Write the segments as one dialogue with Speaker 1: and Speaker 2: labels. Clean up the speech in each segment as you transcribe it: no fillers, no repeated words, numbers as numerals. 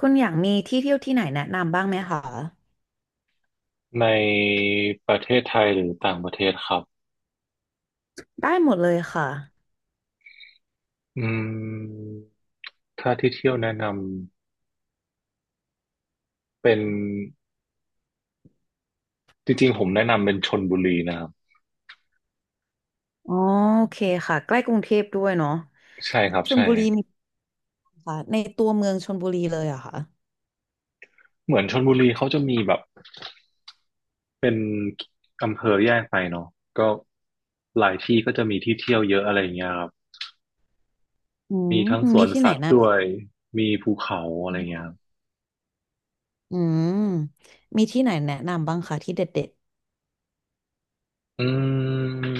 Speaker 1: คุณอยากมีที่เที่ยวที่ไหนแนะนำบ้างไหมคะ
Speaker 2: ในประเทศไทยหรือต่างประเทศครับ
Speaker 1: ได้หมดเลยค่ะ
Speaker 2: อืมถ้าที่เที่ยวแนะนำเป็นจริงๆผมแนะนำเป็นชลบุรีนะครับ
Speaker 1: อ๋อโอเคค่ะใกล้กรุงเทพด้วยเนาะ
Speaker 2: ใช่ครับ
Speaker 1: ชล
Speaker 2: ใช่
Speaker 1: บุรีมีค่ะในตัวเมืองชลบุรีเลยเหรอะค่ะ
Speaker 2: เหมือนชลบุรีเขาจะมีแบบเป็นอำเภอแยกไปเนาะก็หลายที่ก็จะมีที่เที่ยวเยอะอะไรอย่างเงี้ยครับ
Speaker 1: อื
Speaker 2: มี
Speaker 1: ม
Speaker 2: ทั้งส
Speaker 1: มี
Speaker 2: วน
Speaker 1: ที่ไหน
Speaker 2: สัตว์
Speaker 1: นะ
Speaker 2: ด้วยมีภูเขาอะไรเงี้ยครับ
Speaker 1: อืมมีที่ไหนแนะนำบ้างคะที่เด็ด
Speaker 2: อืม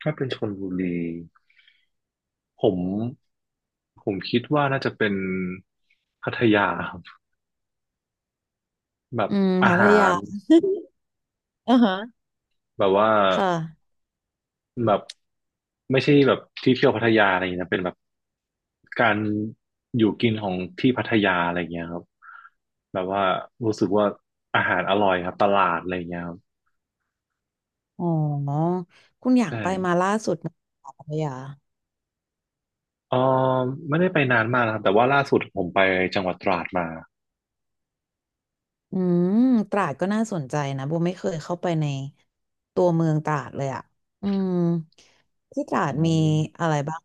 Speaker 2: ถ้าเป็นชลบุรีผมผมคิดว่าน่าจะเป็นพัทยา แบ
Speaker 1: ๆ
Speaker 2: บ
Speaker 1: อืม
Speaker 2: อา
Speaker 1: พัท
Speaker 2: หา
Speaker 1: ยา
Speaker 2: ร
Speaker 1: อ่าฮะ
Speaker 2: แบบว่า
Speaker 1: ค่ะ
Speaker 2: แบบไม่ใช่แบบที่เที่ยวพัทยาอะไรอย่างเงี้ยนะเป็นแบบการอยู่กินของที่พัทยาอะไรอย่างเงี้ยครับแบบว่ารู้สึกว่าอาหารอร่อยครับตลาดอะไรอย่างเงี้ยครับ
Speaker 1: อ๋อคุณอยาก
Speaker 2: ใช่
Speaker 1: ไปมาล่าสุดไหมคะพัทยา
Speaker 2: เออไม่ได้ไปนานมากนะครับแต่ว่าล่าสุดผมไปจังหวัดตราดมา
Speaker 1: อืมตราดก็น่าสนใจนะโบไม่เคยเข้าไปในตัวเมืองตราดเลยอ่ะอืมที่ตราด
Speaker 2: อื
Speaker 1: มี
Speaker 2: ม
Speaker 1: อะไรบ้าง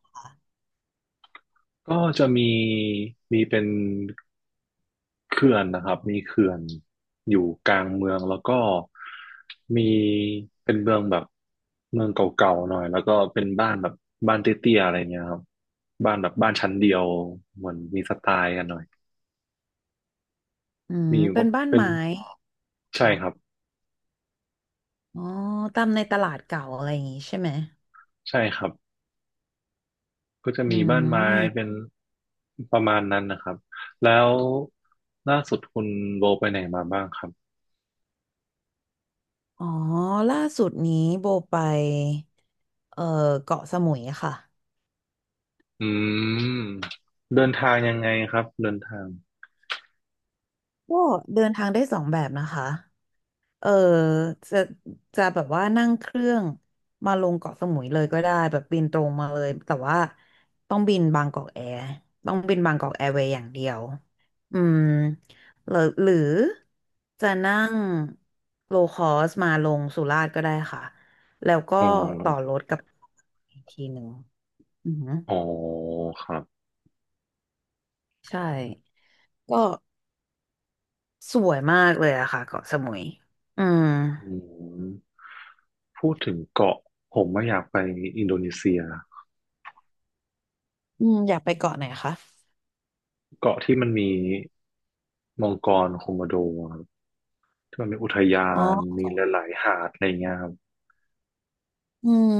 Speaker 2: ก็จะมีเป็นเขื่อนนะครับมีเขื่อนอยู่กลางเมืองแล้วก็มีเป็นเมืองแบบเมืองเก่าๆหน่อยแล้วก็เป็นบ้านแบบบ้านเตี้ยๆอะไรเงี้ยครับบ้านแบบบ้านชั้นเดียวเหมือนมีสไตล์กันหน่อย
Speaker 1: อืม
Speaker 2: มี
Speaker 1: เป็
Speaker 2: ก็
Speaker 1: นบ้าน
Speaker 2: เป็น
Speaker 1: ไม้
Speaker 2: ใช่ครับ
Speaker 1: อ๋อตามในตลาดเก่าอะไรอย่างงี้ใช่ไหม
Speaker 2: ใช่ครับก็จะ
Speaker 1: อื
Speaker 2: มีบ้านไม้เป็
Speaker 1: ม
Speaker 2: นประมาณนั้นนะครับแล้วล่าสุดคุณโบไปไหนมาบ้างครับ
Speaker 1: อ๋อล่าสุดนี้โบไปเอ่อเกาะสมุยค่ะ
Speaker 2: อืมเดินทางยังไงครับเดินทาง
Speaker 1: ก็เดินทางได้สองแบบนะคะ เออจะจะแบบว่านั่งเครื่องมาลงเกาะสมุยเลยก็ได้แบบบินตรงมาเลยแต่ว่าต้องบินบางกอกแอร์ต้องบินบางกอกแอร์เวย์อย่างเดียวอืมหรือจะนั่งโลคอสมาลงสุราษฎร์ก็ได้ค่ะแล้วก็
Speaker 2: อ๋อ
Speaker 1: ต่อรถกับอีกทีหนึ่งอือหือ
Speaker 2: อ๋อครับ
Speaker 1: ใช่ก็สวยมากเลยอะค่ะเกาะสมุยอืม
Speaker 2: อืมพูดถึงเกาะผมไม่อยากไปอินโดนีเซีย
Speaker 1: อืมอยากไปเกาะไหนคะ
Speaker 2: เกาะที่มันมีมังกรโคโมโดครับที่มันมีอุทยา
Speaker 1: อ๋อ
Speaker 2: นมีหลายๆหาดอะไรเงี้ยครับ
Speaker 1: อืม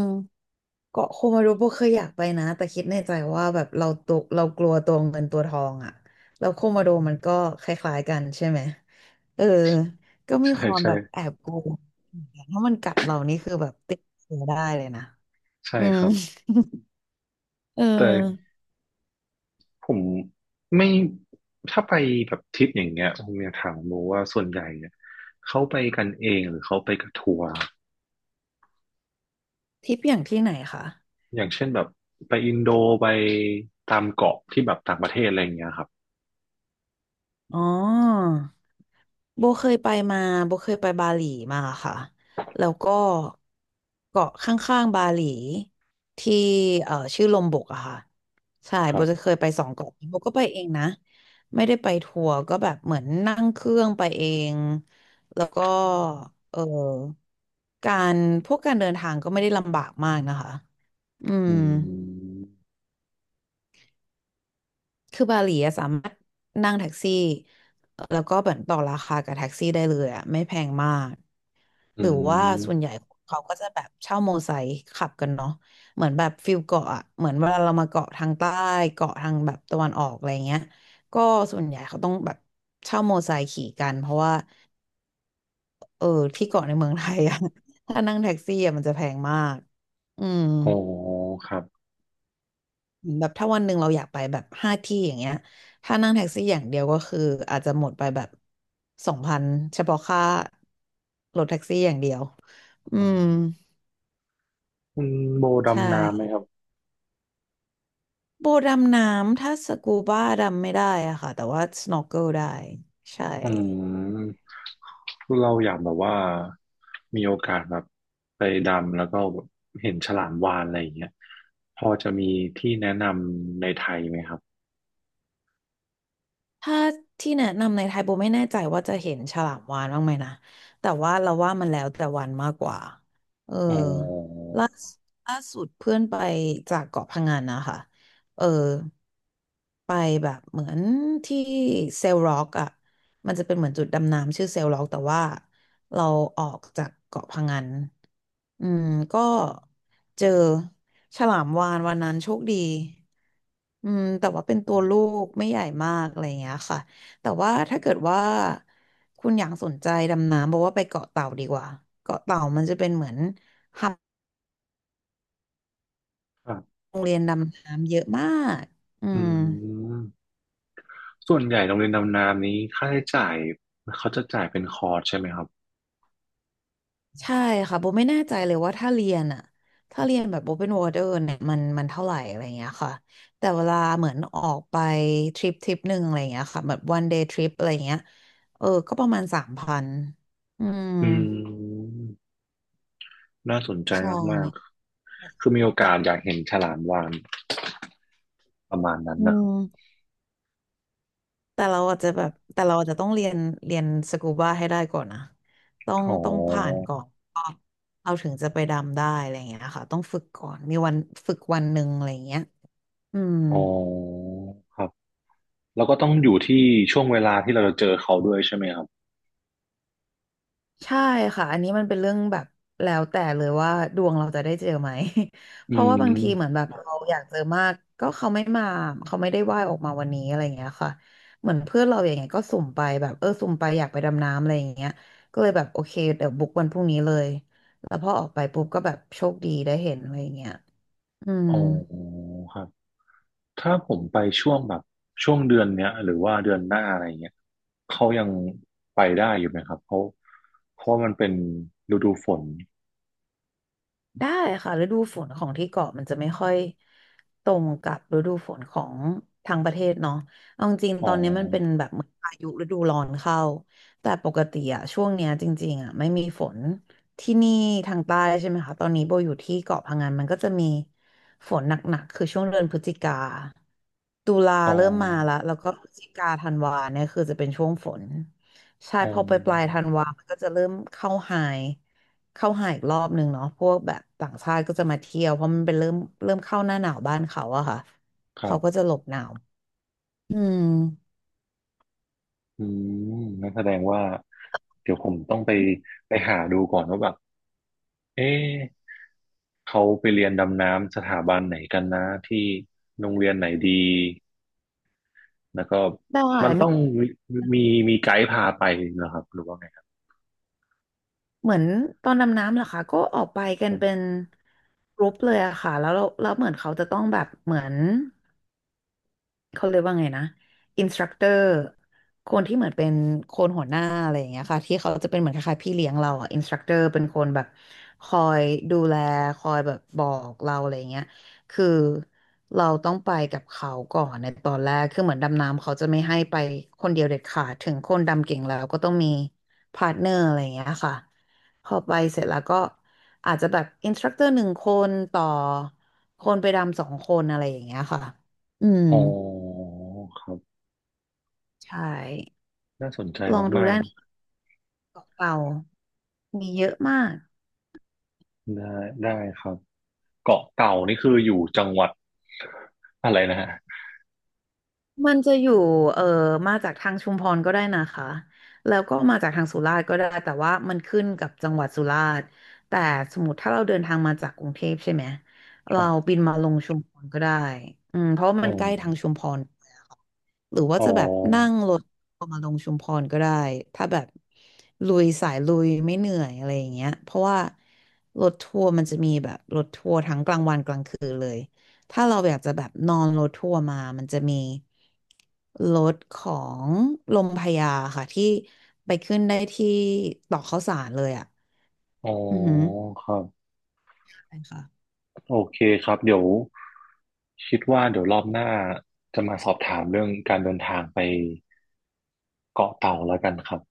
Speaker 1: เกาะโคมารูโบเคยอยากไปนะแต่คิดในใจว่าแบบเราตัวเรากลัวตัวเงินตัวทองอ่ะแล้วโคมาโดมันก็คล้ายๆกันใช่ไหมเออก็มี
Speaker 2: ใช่
Speaker 1: ความ
Speaker 2: ใช่
Speaker 1: แบบแอบกลัวถ้ามันกัดเรานี่คือแบบติดเชื้อได้เลยนะ
Speaker 2: ใช่
Speaker 1: อื
Speaker 2: ค
Speaker 1: ม
Speaker 2: รับ
Speaker 1: เอ
Speaker 2: แต่
Speaker 1: อ
Speaker 2: ผมไม่ถ้าไปแบบทริปอย่างเงี้ยผมอยากถามโมว่าส่วนใหญ่เนี่ยเขาไปกันเองหรือเขาไปกับทัวร์
Speaker 1: ทริปอย่างที่ไหนคะ
Speaker 2: อย่างเช่นแบบไปอินโดไปตามเกาะที่แบบต่างประเทศอะไรอย่างเงี้ยครับ
Speaker 1: อ๋อ โบเคยไปมาโบเคยไปบาหลีมาค่ะแล้วก็เกาะข้างๆบาหลีที่ชื่อลมบกอะค่ะใช่
Speaker 2: ค
Speaker 1: โบ
Speaker 2: รั
Speaker 1: จะเค
Speaker 2: บ
Speaker 1: ยไปสองเกาะนี้โบก็ไปเองนะไม่ได้ไปทัวร์ก็แบบเหมือนนั่งเครื่องไปเองแล้วก็เออการพวกการเดินทางก็ไม่ได้ลำบากมากนะคะอื
Speaker 2: อื
Speaker 1: ม
Speaker 2: ม
Speaker 1: คือบาหลีอะสามารถนั่งแท็กซี่แล้วก็เหมือนต่อราคากับแท็กซี่ได้เลยอะไม่แพงมาก
Speaker 2: อื
Speaker 1: หรือว่าส่วน
Speaker 2: ม
Speaker 1: ใหญ่เขาก็จะแบบเช่าโมไซค์ขับกันเนาะเหมือนแบบฟิลเกาะอะเหมือนเวลาเรามาเกาะทางใต้เกาะทางแบบตะวันออกอะไรเงี้ยก็ส่วนใหญ่เขาต้องแบบเช่าโมไซค์ขี่กันเพราะว่าเออที่เกาะในเมืองไทยอะ ถ้านั่งแท็กซี่อะมันจะแพงมากอืม
Speaker 2: อ๋อครับ
Speaker 1: เหมือนแบบถ้าวันหนึ่งเราอยากไปแบบห้าที่อย่างเงี้ยถ้านั่งแท็กซี่อย่างเดียวก็คืออาจจะหมดไปแบบ2,000เฉพาะค่ารถแท็กซี่อย่างเดียวอื
Speaker 2: อื
Speaker 1: ม
Speaker 2: มคุณโบ
Speaker 1: ใช่
Speaker 2: ดำน้ำไหมครับ
Speaker 1: โบดำน้ำถ้าสกูบ้าดำไม่ได้อะค่ะแต่ว่าสโนว์เกิลได้ใช่
Speaker 2: อืมคือเราอยากแบบว่ามีโอกาสแบบไปดำแล้วก็เห็นฉลามวาฬอะไรอย่างเงี้ยพอจะมีที่แนะนำในไทยไหมครับ
Speaker 1: ถ้าที่แนะนำในไทยโบไม่แน่ใจว่าจะเห็นฉลามวาฬบ้างไหมนะแต่ว่าเราว่ามันแล้วแต่วันมากกว่าเออ
Speaker 2: อ๋อ
Speaker 1: ล่าสุดล่าสุดเพื่อนไปจากเกาะพะงันนะคะเออไปแบบเหมือนที่เซลล็อกอ่ะมันจะเป็นเหมือนจุดดำน้ำชื่อเซลล็อกแต่ว่าเราออกจากเกาะพะงัน อืมก็เจอฉลามวาฬวันนั้นโชคดีอืมแต่ว่าเป็นตัวลูกไม่ใหญ่มากอะไรอย่างเงี้ยค่ะแต่ว่าถ้าเกิดว่าคุณอยากสนใจดำน้ำบอกว่าไปเกาะเต่าดีกว่าเกาะเต่ามันจะเป็นเหมือนหับ
Speaker 2: ครับ
Speaker 1: โรงเรียนดำน้ำเยอะมากอื
Speaker 2: อื
Speaker 1: ม
Speaker 2: ม ส่วนใหญ่โรงเรียนดำน้ำนี้ค่าใช้จ่ายเขาจะจ่ายเป็นคอร์สใช่ไหมครับ
Speaker 1: ใช่ค่ะโบไม่แน่ใจเลยว่าถ้าเรียนอะถ้าเรียนแบบ Open Water เนี่ยมันเท่าไหร่อะไรเงี้ยค่ะแต่เวลาเหมือนออกไปทริปหนึ่งอะไรเงี้ยค่ะแบบ one day trip อะไรเงี้ยเออก็ประมาณ3,000อืม
Speaker 2: อืมน่าสนใจ
Speaker 1: ใช่
Speaker 2: มาก
Speaker 1: เนี่ย
Speaker 2: ๆคือมีโอกาสอยากเห็นฉลามวาฬประมาณนั้น
Speaker 1: อื
Speaker 2: นะครับ
Speaker 1: มแต่เราอาจจะต้องเรียนสกูบาให้ได้ก่อนนะต้อง
Speaker 2: อ๋
Speaker 1: ต้องผ่าน
Speaker 2: อ
Speaker 1: ก่อนเราถึงจะไปดำได้อะไรเงี้ยค่ะต้องฝึกก่อนมีวันฝึกวันหนึ่งอะไรเงี้ยอืม
Speaker 2: อ๋อครับแล้วก็ต้องอยู่ที่ช่วงเวลาที่เราจะเจอเขาด้วยใช่ไหมครับ
Speaker 1: ใช่ค่ะอันนี้มันเป็นเรื่องแบบแล้วแต่เลยว่าดวงเราจะได้เจอไหม
Speaker 2: อื
Speaker 1: เพราะว่าบางทีเหมือ
Speaker 2: ม
Speaker 1: นแบบเราอยากเจอมากก็เขาไม่มาเขาไม่ได้ว่ายออกมาวันนี้อะไรอย่างเงี้ยค่ะเหมือนเพื่อนเราอย่างเงี้ยก็สุ่มไปแบบเออสุ่มไปอยากไปดำน้ำอะไรอย่างเงี้ยก็เลยแบบโอเคเดี๋ยวบุ๊กวันพรุ่งนี้เลยแล้วพอออกไปปุ๊บก็แบบโชคดีได้เห็นอะไรอย่างเงี้ยอืม
Speaker 2: อ๋อครับถ้าผมไปช่วงแบบช่วงเดือนเนี้ยหรือว่าเดือนหน้าอะไรเงี้ยเขายังไปได้อยู่ไหมครับเขาะเพราะว่ามันเป็นฤดูฝน
Speaker 1: ได้ค่ะฤดูฝนของที่เกาะมันจะไม่ค่อยตรงกับฤดูฝนของทางประเทศเนาะเอาจริง
Speaker 2: อ๋
Speaker 1: ๆ
Speaker 2: อ
Speaker 1: ตอนนี้มันเป็นแบบเหมือนพายุฤดูร้อนเข้าแต่ปกติอะช่วงเนี้ยจริงๆอะไม่มีฝนที่นี่ทางใต้ใช่ไหมคะตอนนี้โบอยู่ที่เกาะพะงันมันก็จะมีฝนหนักๆคือช่วงเดือนพฤศจิกาตุลา
Speaker 2: อ๋อ
Speaker 1: เริ่มมาและแล้วก็พฤศจิกาธันวาเนี่ยคือจะเป็นช่วงฝนใช่
Speaker 2: อ๋อ
Speaker 1: พอไปปลายธันวามันก็จะเริ่มเข้าไฮ เข้าหาอีกรอบหนึ่งเนาะพวกแบบต่างชาติก็จะมาเที่ยวเพราะมันเป็นเริ่มเข้าหน้าหนาวบ้านเขาอะค่ะ
Speaker 2: ครั
Speaker 1: เขาก็จะ
Speaker 2: บ
Speaker 1: หลบหนาวอืม
Speaker 2: อืมนั่นแสดงว่าเดี๋ยวผมต้องไปไปหาดูก่อนว่าแบบเอ๊ะ เขาไปเรียนดำน้ำสถาบันไหนกันนะที่โรงเรียนไหนดี แล้วก็
Speaker 1: ได้
Speaker 2: มันต้
Speaker 1: มี
Speaker 2: องมีมีไกด์พาไปเหรอครับหรือว่าไงครับ
Speaker 1: เหมือนตอนดำน้ำเหรอคะก็ออกไปกันเป็นกรุ๊ปเลยอะค่ะแล้วเราแล้วเหมือนเขาจะต้องแบบเหมือน เขาเรียกว่าไงนะอินสตรัคเตอร์คนที่เหมือนเป็นคนหัวหน้าอะไรอย่างเงี้ยค่ะที่เขาจะเป็นเหมือนคล้ายๆพี่เลี้ยงเราอ่ะอินสตรัคเตอร์เป็นคนแบบคอยดูแลคอยแบบบอกเราอะไรอย่างเงี้ยคือเราต้องไปกับเขาก่อนในตอนแรกคือเหมือนดำน้ำเขาจะไม่ให้ไปคนเดียวเด็ดขาดถึงคนดำเก่งแล้วก็ต้องมีพาร์ทเนอร์อะไรอย่างเงี้ยค่ะพอไปเสร็จแล้วก็อาจจะแบบอินสตรัคเตอร์หนึ่งคนต่อคนไปดำสองคนอะไรอย่างเงี้ยค่ะอืม
Speaker 2: อ๋อครับ
Speaker 1: ใช่
Speaker 2: น่าสนใจ
Speaker 1: ลองดู
Speaker 2: มาก
Speaker 1: ได้านเปล่าๆมีเยอะมาก
Speaker 2: ๆได้ครับเกาะเต่านี่คืออยู่จังหวัดอะไรนะฮะ
Speaker 1: มันจะอยู่เอ่อมาจากทางชุมพรก็ได้นะคะแล้วก็มาจากทางสุราษฎร์ก็ได้แต่ว่ามันขึ้นกับจังหวัดสุราษฎร์แต่สมมติถ้าเราเดินทางมาจากกรุงเทพใช่ไหม
Speaker 2: ค
Speaker 1: เรา
Speaker 2: รับ
Speaker 1: บินมาลงชุมพรก็ได้อืมเพราะว่า
Speaker 2: อ๋
Speaker 1: มั
Speaker 2: อ
Speaker 1: นใกล้ทางชุมพรหรือว่า
Speaker 2: อ๋อ
Speaker 1: จะแบบนั่งรถมาลงชุมพรก็ได้ถ้าแบบลุยสายลุยไม่เหนื่อยอะไรอย่างเงี้ยเพราะว่ารถทัวร์มันจะมีแบบรถทัวร์ทั้งกลางวันกลางคืนเลย ถ้าเราอยากจะแบบนอนรถทัวร์มา มันจะมีรถของลมพระยาค่ะที่ไปขึ้นได้ที่ตอกข้าวสารเลยอ่ะ
Speaker 2: อ๋อ
Speaker 1: อือหือ
Speaker 2: ครับ
Speaker 1: ใช่ค่ะ
Speaker 2: โอเคครับเดี๋ยวคิดว่าเดี๋ยวรอบหน้าจะมาสอบถามเรื่องการเดินทางไปเกาะเต่าแล้วกันครับ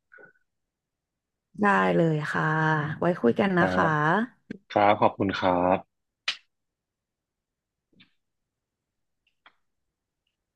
Speaker 1: ได้เลยค่ะ ไว้คุยกัน
Speaker 2: ค
Speaker 1: นะ
Speaker 2: รั
Speaker 1: คะ
Speaker 2: บครับขอบคุณครับ